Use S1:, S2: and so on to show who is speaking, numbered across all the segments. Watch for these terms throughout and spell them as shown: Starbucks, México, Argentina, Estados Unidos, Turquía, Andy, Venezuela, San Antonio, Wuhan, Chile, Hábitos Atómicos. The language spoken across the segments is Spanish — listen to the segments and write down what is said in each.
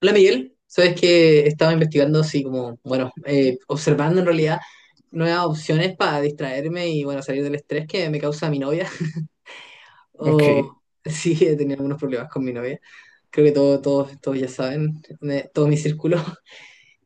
S1: Hola Miguel, sabes que estaba investigando, así como, bueno, observando en realidad nuevas opciones para distraerme y bueno, salir del estrés que me causa mi novia.
S2: Ok,
S1: O sí, he tenido algunos problemas con mi novia. Creo que todos, todos, todos ya saben, todo mi círculo.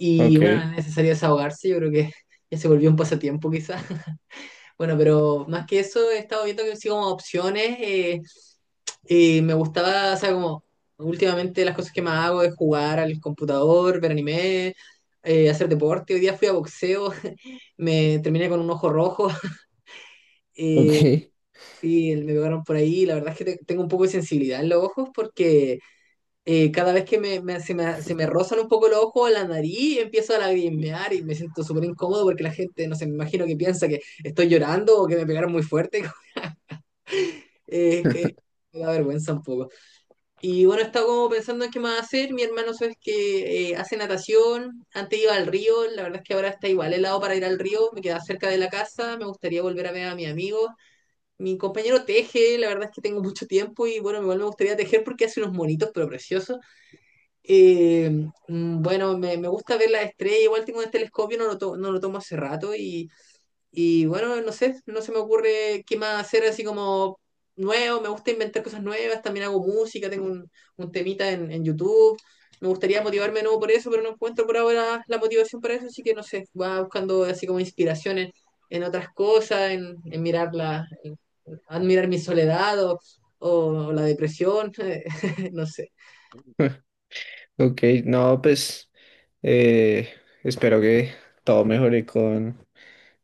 S1: Y
S2: ok,
S1: bueno, es necesario desahogarse, yo creo que ya se volvió un pasatiempo quizás. Bueno, pero más que eso, he estado viendo que sigo como opciones. Y me gustaba, o sea, como últimamente las cosas que más hago es jugar al computador, ver anime, hacer deporte. Hoy día fui a boxeo, me terminé con un ojo rojo. eh,
S2: Ok.
S1: sí, me pegaron por ahí. La verdad es que tengo un poco de sensibilidad en los ojos porque cada vez que se me rozan un poco los ojos, la nariz, empiezo a lagrimear y me siento súper incómodo porque la gente, no sé, me imagino que piensa que estoy llorando o que me pegaron muy fuerte. Es que me da vergüenza un poco. Y bueno, estaba como pensando en qué más hacer. Mi hermano sabes que hace natación, antes iba al río, la verdad es que ahora está igual helado para ir al río, me queda cerca de la casa, me gustaría volver a ver a mis amigos. Mi compañero teje, la verdad es que tengo mucho tiempo y bueno, igual me gustaría tejer porque hace unos monitos pero preciosos. Eh, bueno, me gusta ver las estrellas, igual tengo un telescopio, no lo tomo hace rato y bueno, no sé, no se me ocurre qué más hacer así como nuevo. Me gusta inventar cosas nuevas, también hago música, un temita en YouTube. Me gustaría motivarme de nuevo por eso, pero no encuentro por ahora la motivación para eso, así que no sé, va buscando así como inspiraciones en otras cosas, en mirar en admirar mi soledad o la depresión, no sé.
S2: ok. No, pues eh, espero que todo mejore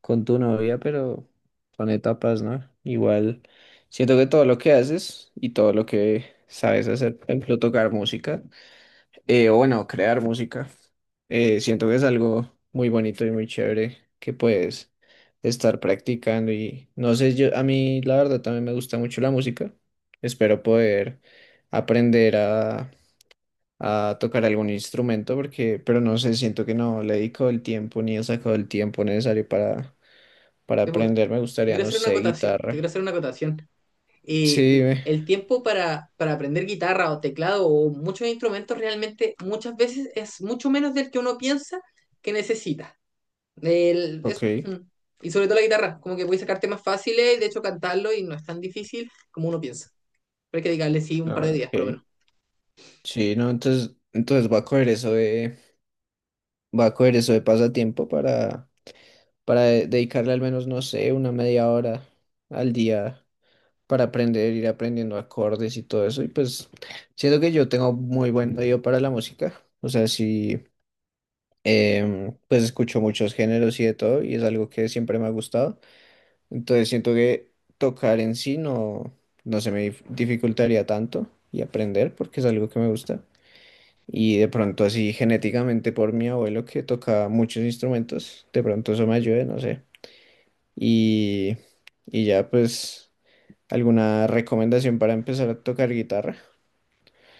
S2: con tu novia, pero son etapas, ¿no? Igual siento que todo lo que haces y todo lo que sabes hacer, por ejemplo, tocar música. O bueno, crear música. Siento que es algo muy bonito y muy chévere que puedes estar practicando y no sé, yo a mí la verdad también me gusta mucho la música. Espero poder aprender a tocar algún instrumento porque, pero no sé, siento que no le he dedicado el tiempo ni he sacado el tiempo necesario para
S1: Te
S2: aprender. Me gustaría,
S1: quiero
S2: no
S1: hacer una
S2: sé,
S1: acotación, te
S2: guitarra.
S1: quiero hacer una acotación.
S2: Sí,
S1: Y
S2: ve,
S1: el tiempo para aprender guitarra o teclado o muchos instrumentos realmente muchas veces es mucho menos del que uno piensa que necesita. Eso.
S2: ok,
S1: Mm. Y sobre todo la guitarra, como que puedes sacar temas fáciles, de hecho cantarlo y no es tan difícil como uno piensa. Pero hay que dedicarle, sí, un par de
S2: ah,
S1: días por lo
S2: ok.
S1: menos.
S2: Sí, no, entonces Voy a coger eso de pasatiempo para dedicarle al menos, no sé, una media hora al día para aprender, ir aprendiendo acordes y todo eso. Y pues siento que yo tengo muy buen oído para la música. O sea, sí, pues escucho muchos géneros y de todo y es algo que siempre me ha gustado. Entonces siento que tocar en sí no se me dificultaría tanto y aprender porque es algo que me gusta. Y de pronto así genéticamente por mi abuelo que tocaba muchos instrumentos, de pronto eso me ayude, no sé. Y, y ya pues, ¿alguna recomendación para empezar a tocar guitarra?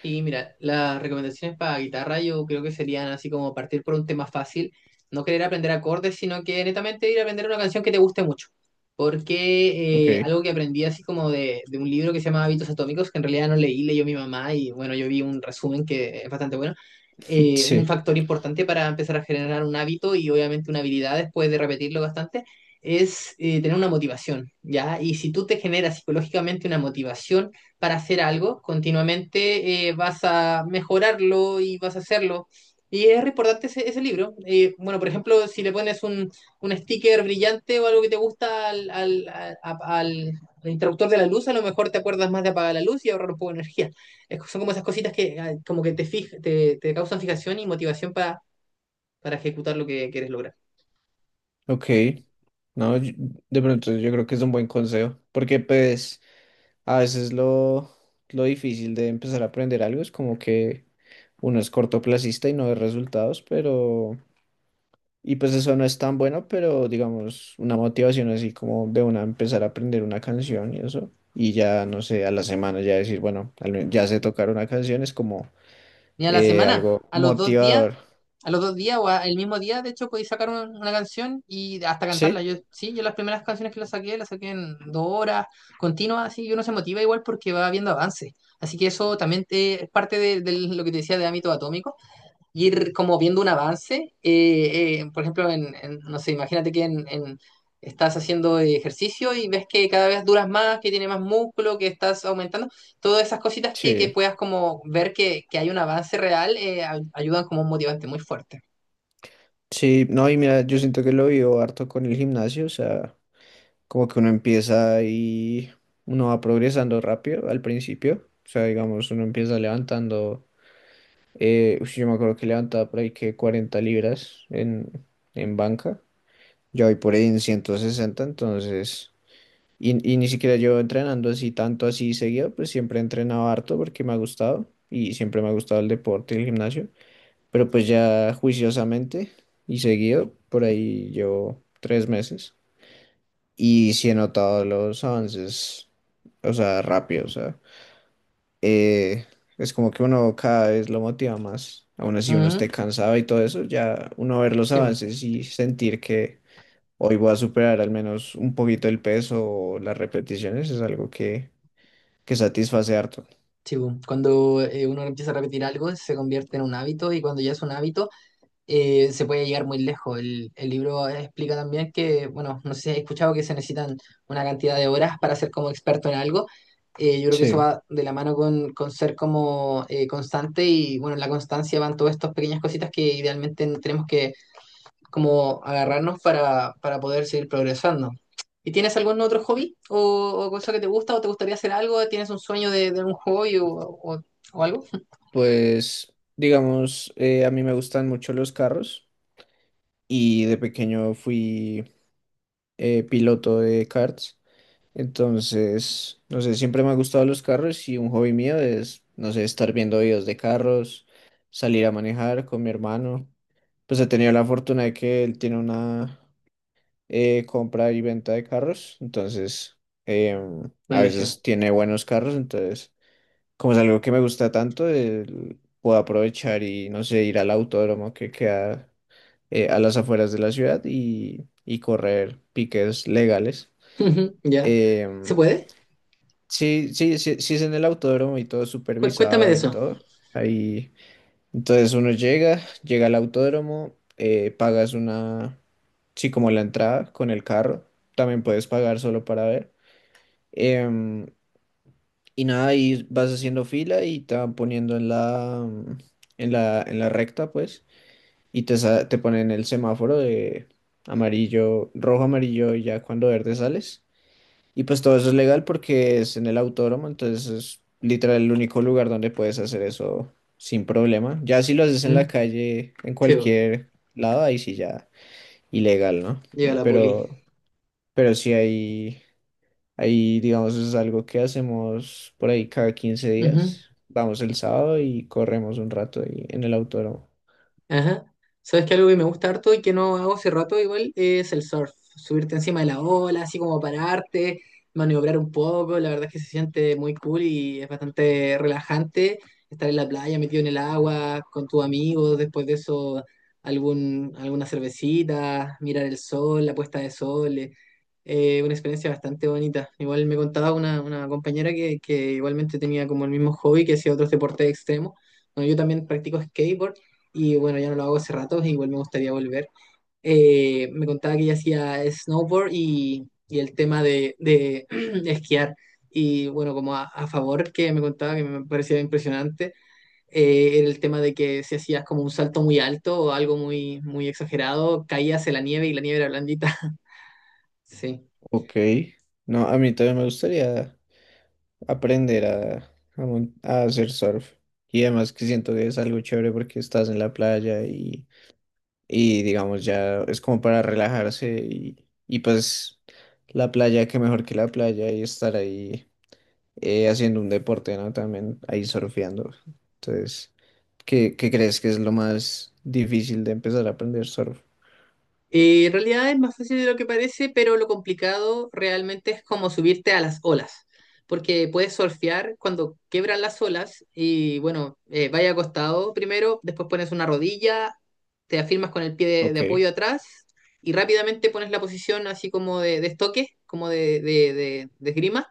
S1: Y mira, las recomendaciones para guitarra yo creo que serían así como partir por un tema fácil, no querer aprender acordes, sino que netamente ir a aprender una canción que te guste mucho. Porque
S2: Ok,
S1: algo que aprendí así como de un libro que se llama Hábitos Atómicos, que en realidad no leí, leyó mi mamá y bueno, yo vi un resumen que es bastante bueno. Un
S2: sí,
S1: factor importante para empezar a generar un hábito y obviamente una habilidad después de repetirlo bastante es tener una motivación, ¿ya? Y si tú te generas psicológicamente una motivación, para hacer algo, continuamente vas a mejorarlo y vas a hacerlo. Y es re importante ese, ese libro. Bueno, por ejemplo, si le pones un sticker brillante o algo que te gusta al interruptor de la luz, a lo mejor te acuerdas más de apagar la luz y ahorrar un poco de energía. Son como esas cositas que ah, como que te causan fijación y motivación para ejecutar lo que quieres lograr.
S2: ok. No, de pronto yo creo que es un buen consejo, porque pues a veces lo difícil de empezar a aprender algo es como que uno es cortoplacista y no ve resultados, pero... Y pues eso no es tan bueno, pero digamos, una motivación así como de una empezar a aprender una canción y eso. Y ya, no sé, a la semana ya decir, bueno, ya sé tocar una canción, es como
S1: Ni a la semana,
S2: algo
S1: a los dos días,
S2: motivador.
S1: a los dos días o el mismo día, de hecho, podéis sacar una canción y hasta cantarla.
S2: Sí,
S1: Yo, sí, yo las primeras canciones que las saqué en dos horas continuas, así, y uno se motiva igual porque va viendo avance. Así que eso también es parte de lo que te decía de ámbito atómico ir como viendo un avance. Por ejemplo, no sé, imagínate que estás haciendo ejercicio y ves que cada vez duras más, que tiene más músculo, que estás aumentando. Todas esas cositas que
S2: sí,
S1: puedas como ver que hay un avance real ayudan como un motivante muy fuerte.
S2: sí. No, y mira, yo siento que lo vivo harto con el gimnasio, o sea, como que uno empieza y uno va progresando rápido al principio. O sea, digamos, uno empieza levantando, yo me acuerdo que levantaba por ahí que 40 libras en banca. Yo voy por ahí en 160, entonces, y ni siquiera yo entrenando así tanto así seguido, pues siempre he entrenado harto porque me ha gustado y siempre me ha gustado el deporte y el gimnasio, pero pues ya juiciosamente y seguido, por ahí llevo 3 meses y sí he notado los avances, o sea, rápido, o sea, eh, es como que uno cada vez lo motiva más, aún así uno esté
S1: Ujú.
S2: cansado y todo eso, ya uno ver los
S1: Sí, bu,
S2: avances y sentir que Hoy voy a superar al menos un poquito el peso o las repeticiones, es algo que satisface harto.
S1: sí, bu. Cuando uno empieza a repetir algo, se convierte en un hábito y cuando ya es un hábito... Se puede llegar muy lejos. El libro explica también que, bueno, no sé si has escuchado que se necesitan una cantidad de horas para ser como experto en algo. Yo creo que eso
S2: Sí,
S1: va de la mano con ser como constante y, bueno, en la constancia van todas estas pequeñas cositas que idealmente tenemos que como agarrarnos para poder seguir progresando. ¿Y tienes algún otro hobby o cosa que te gusta o te gustaría hacer algo? ¿Tienes un sueño de un hobby o algo?
S2: pues digamos, a mí me gustan mucho los carros y de pequeño fui piloto de karts, entonces, no sé, siempre me han gustado los carros y un hobby mío es, no sé, estar viendo videos de carros, salir a manejar con mi hermano. Pues he tenido la fortuna de que él tiene una... compra y venta de carros, entonces a
S1: Buenísimo.
S2: veces tiene buenos carros, entonces como es algo que me gusta tanto, puedo aprovechar y no sé, ir al autódromo que queda a las afueras de la ciudad y correr piques legales.
S1: Ya. ¿Se
S2: Em,
S1: puede?
S2: sí, sí, sí, sí es en el autódromo y todo
S1: Cuéntame de
S2: supervisado y
S1: eso.
S2: todo. Ahí. Entonces uno llega, llega al autódromo, pagas una, sí, como la entrada con el carro, también puedes pagar solo para ver. Em, y nada, ahí vas haciendo fila y te van poniendo en la, en la recta, pues, y te te ponen el semáforo de amarillo, rojo, amarillo, y ya cuando verde sales. Y pues todo eso es legal porque es en el autódromo, entonces es literal el único lugar donde puedes hacer eso sin problema. Ya si lo haces en la
S1: Ujú.
S2: calle, en
S1: Sí, po.
S2: cualquier lado, ahí sí ya ilegal, ¿no?
S1: Llega la poli.
S2: Pero sí hay ahí digamos es algo que hacemos por ahí cada quince
S1: Ujú.
S2: días. Vamos el sábado y corremos un rato ahí en el autódromo.
S1: Ajá. ¿Sabes que algo que me gusta harto y que no hago hace rato igual es el surf? Subirte encima de la ola, así como pararte, maniobrar un poco. La verdad es que se siente muy cool y es bastante relajante estar en la playa metido en el agua con tus amigos. Después de eso, algún, alguna cervecita, mirar el sol, la puesta de sol. Una experiencia bastante bonita. Igual me contaba una compañera que igualmente tenía como el mismo hobby que hacía otros deportes extremos. Bueno, yo también practico skateboard y bueno, ya no lo hago hace rato, igual me gustaría volver. Me contaba que ella hacía snowboard y el tema de esquiar. Y bueno, como a, favor que me contaba que me parecía impresionante, era el tema de que si hacías como un salto muy alto o algo muy, muy exagerado, caías en la nieve y la nieve era blandita. Sí.
S2: Ok. No, a mí también me gustaría aprender a a hacer surf. Y además que siento que es algo chévere porque estás en la playa y digamos ya es como para relajarse y pues la playa, qué mejor que la playa y estar ahí haciendo un deporte, ¿no? También ahí surfeando. Entonces, ¿qué, qué crees que es lo más difícil de empezar a aprender surf?
S1: En realidad es más fácil de lo que parece, pero lo complicado realmente es como subirte a las olas, porque puedes surfear cuando quebran las olas y bueno, vaya acostado primero, después pones una rodilla, te afirmas con el pie de
S2: Ok,
S1: apoyo atrás y rápidamente pones la posición así como de estoque, como de esgrima,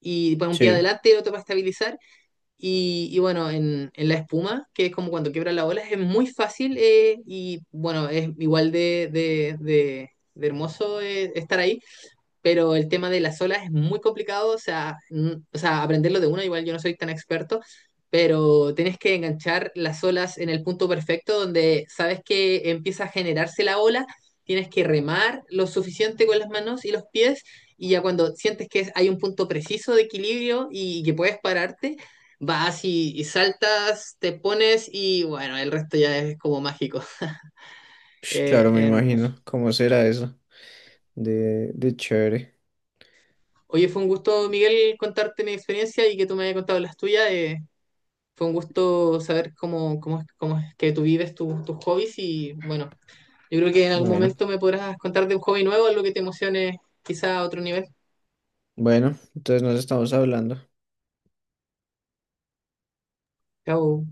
S1: y pones un pie
S2: sí,
S1: adelante y el otro para estabilizar y bueno, en la espuma, que es como cuando quiebra la ola, es muy fácil y bueno, es igual de hermoso estar ahí, pero el tema de las olas es muy complicado, o sea, o sea, aprenderlo de uno, igual yo no soy tan experto, pero tienes que enganchar las olas en el punto perfecto donde sabes que empieza a generarse la ola, tienes que remar lo suficiente con las manos y los pies, y ya cuando sientes que hay un punto preciso de equilibrio y, que puedes pararte, vas y saltas, te pones y bueno, el resto ya es como mágico.
S2: Ush, claro, me
S1: Hermoso.
S2: imagino. ¿Cómo será eso? De chévere.
S1: Oye, fue un gusto, Miguel, contarte mi experiencia y que tú me hayas contado las tuyas. Fue un gusto saber cómo, cómo, cómo es que tú vives tus tus hobbies y bueno, yo creo que en algún
S2: Bueno,
S1: momento me podrás contar de un hobby nuevo, algo que te emocione quizá a otro nivel.
S2: bueno, entonces nos estamos hablando.
S1: Chao.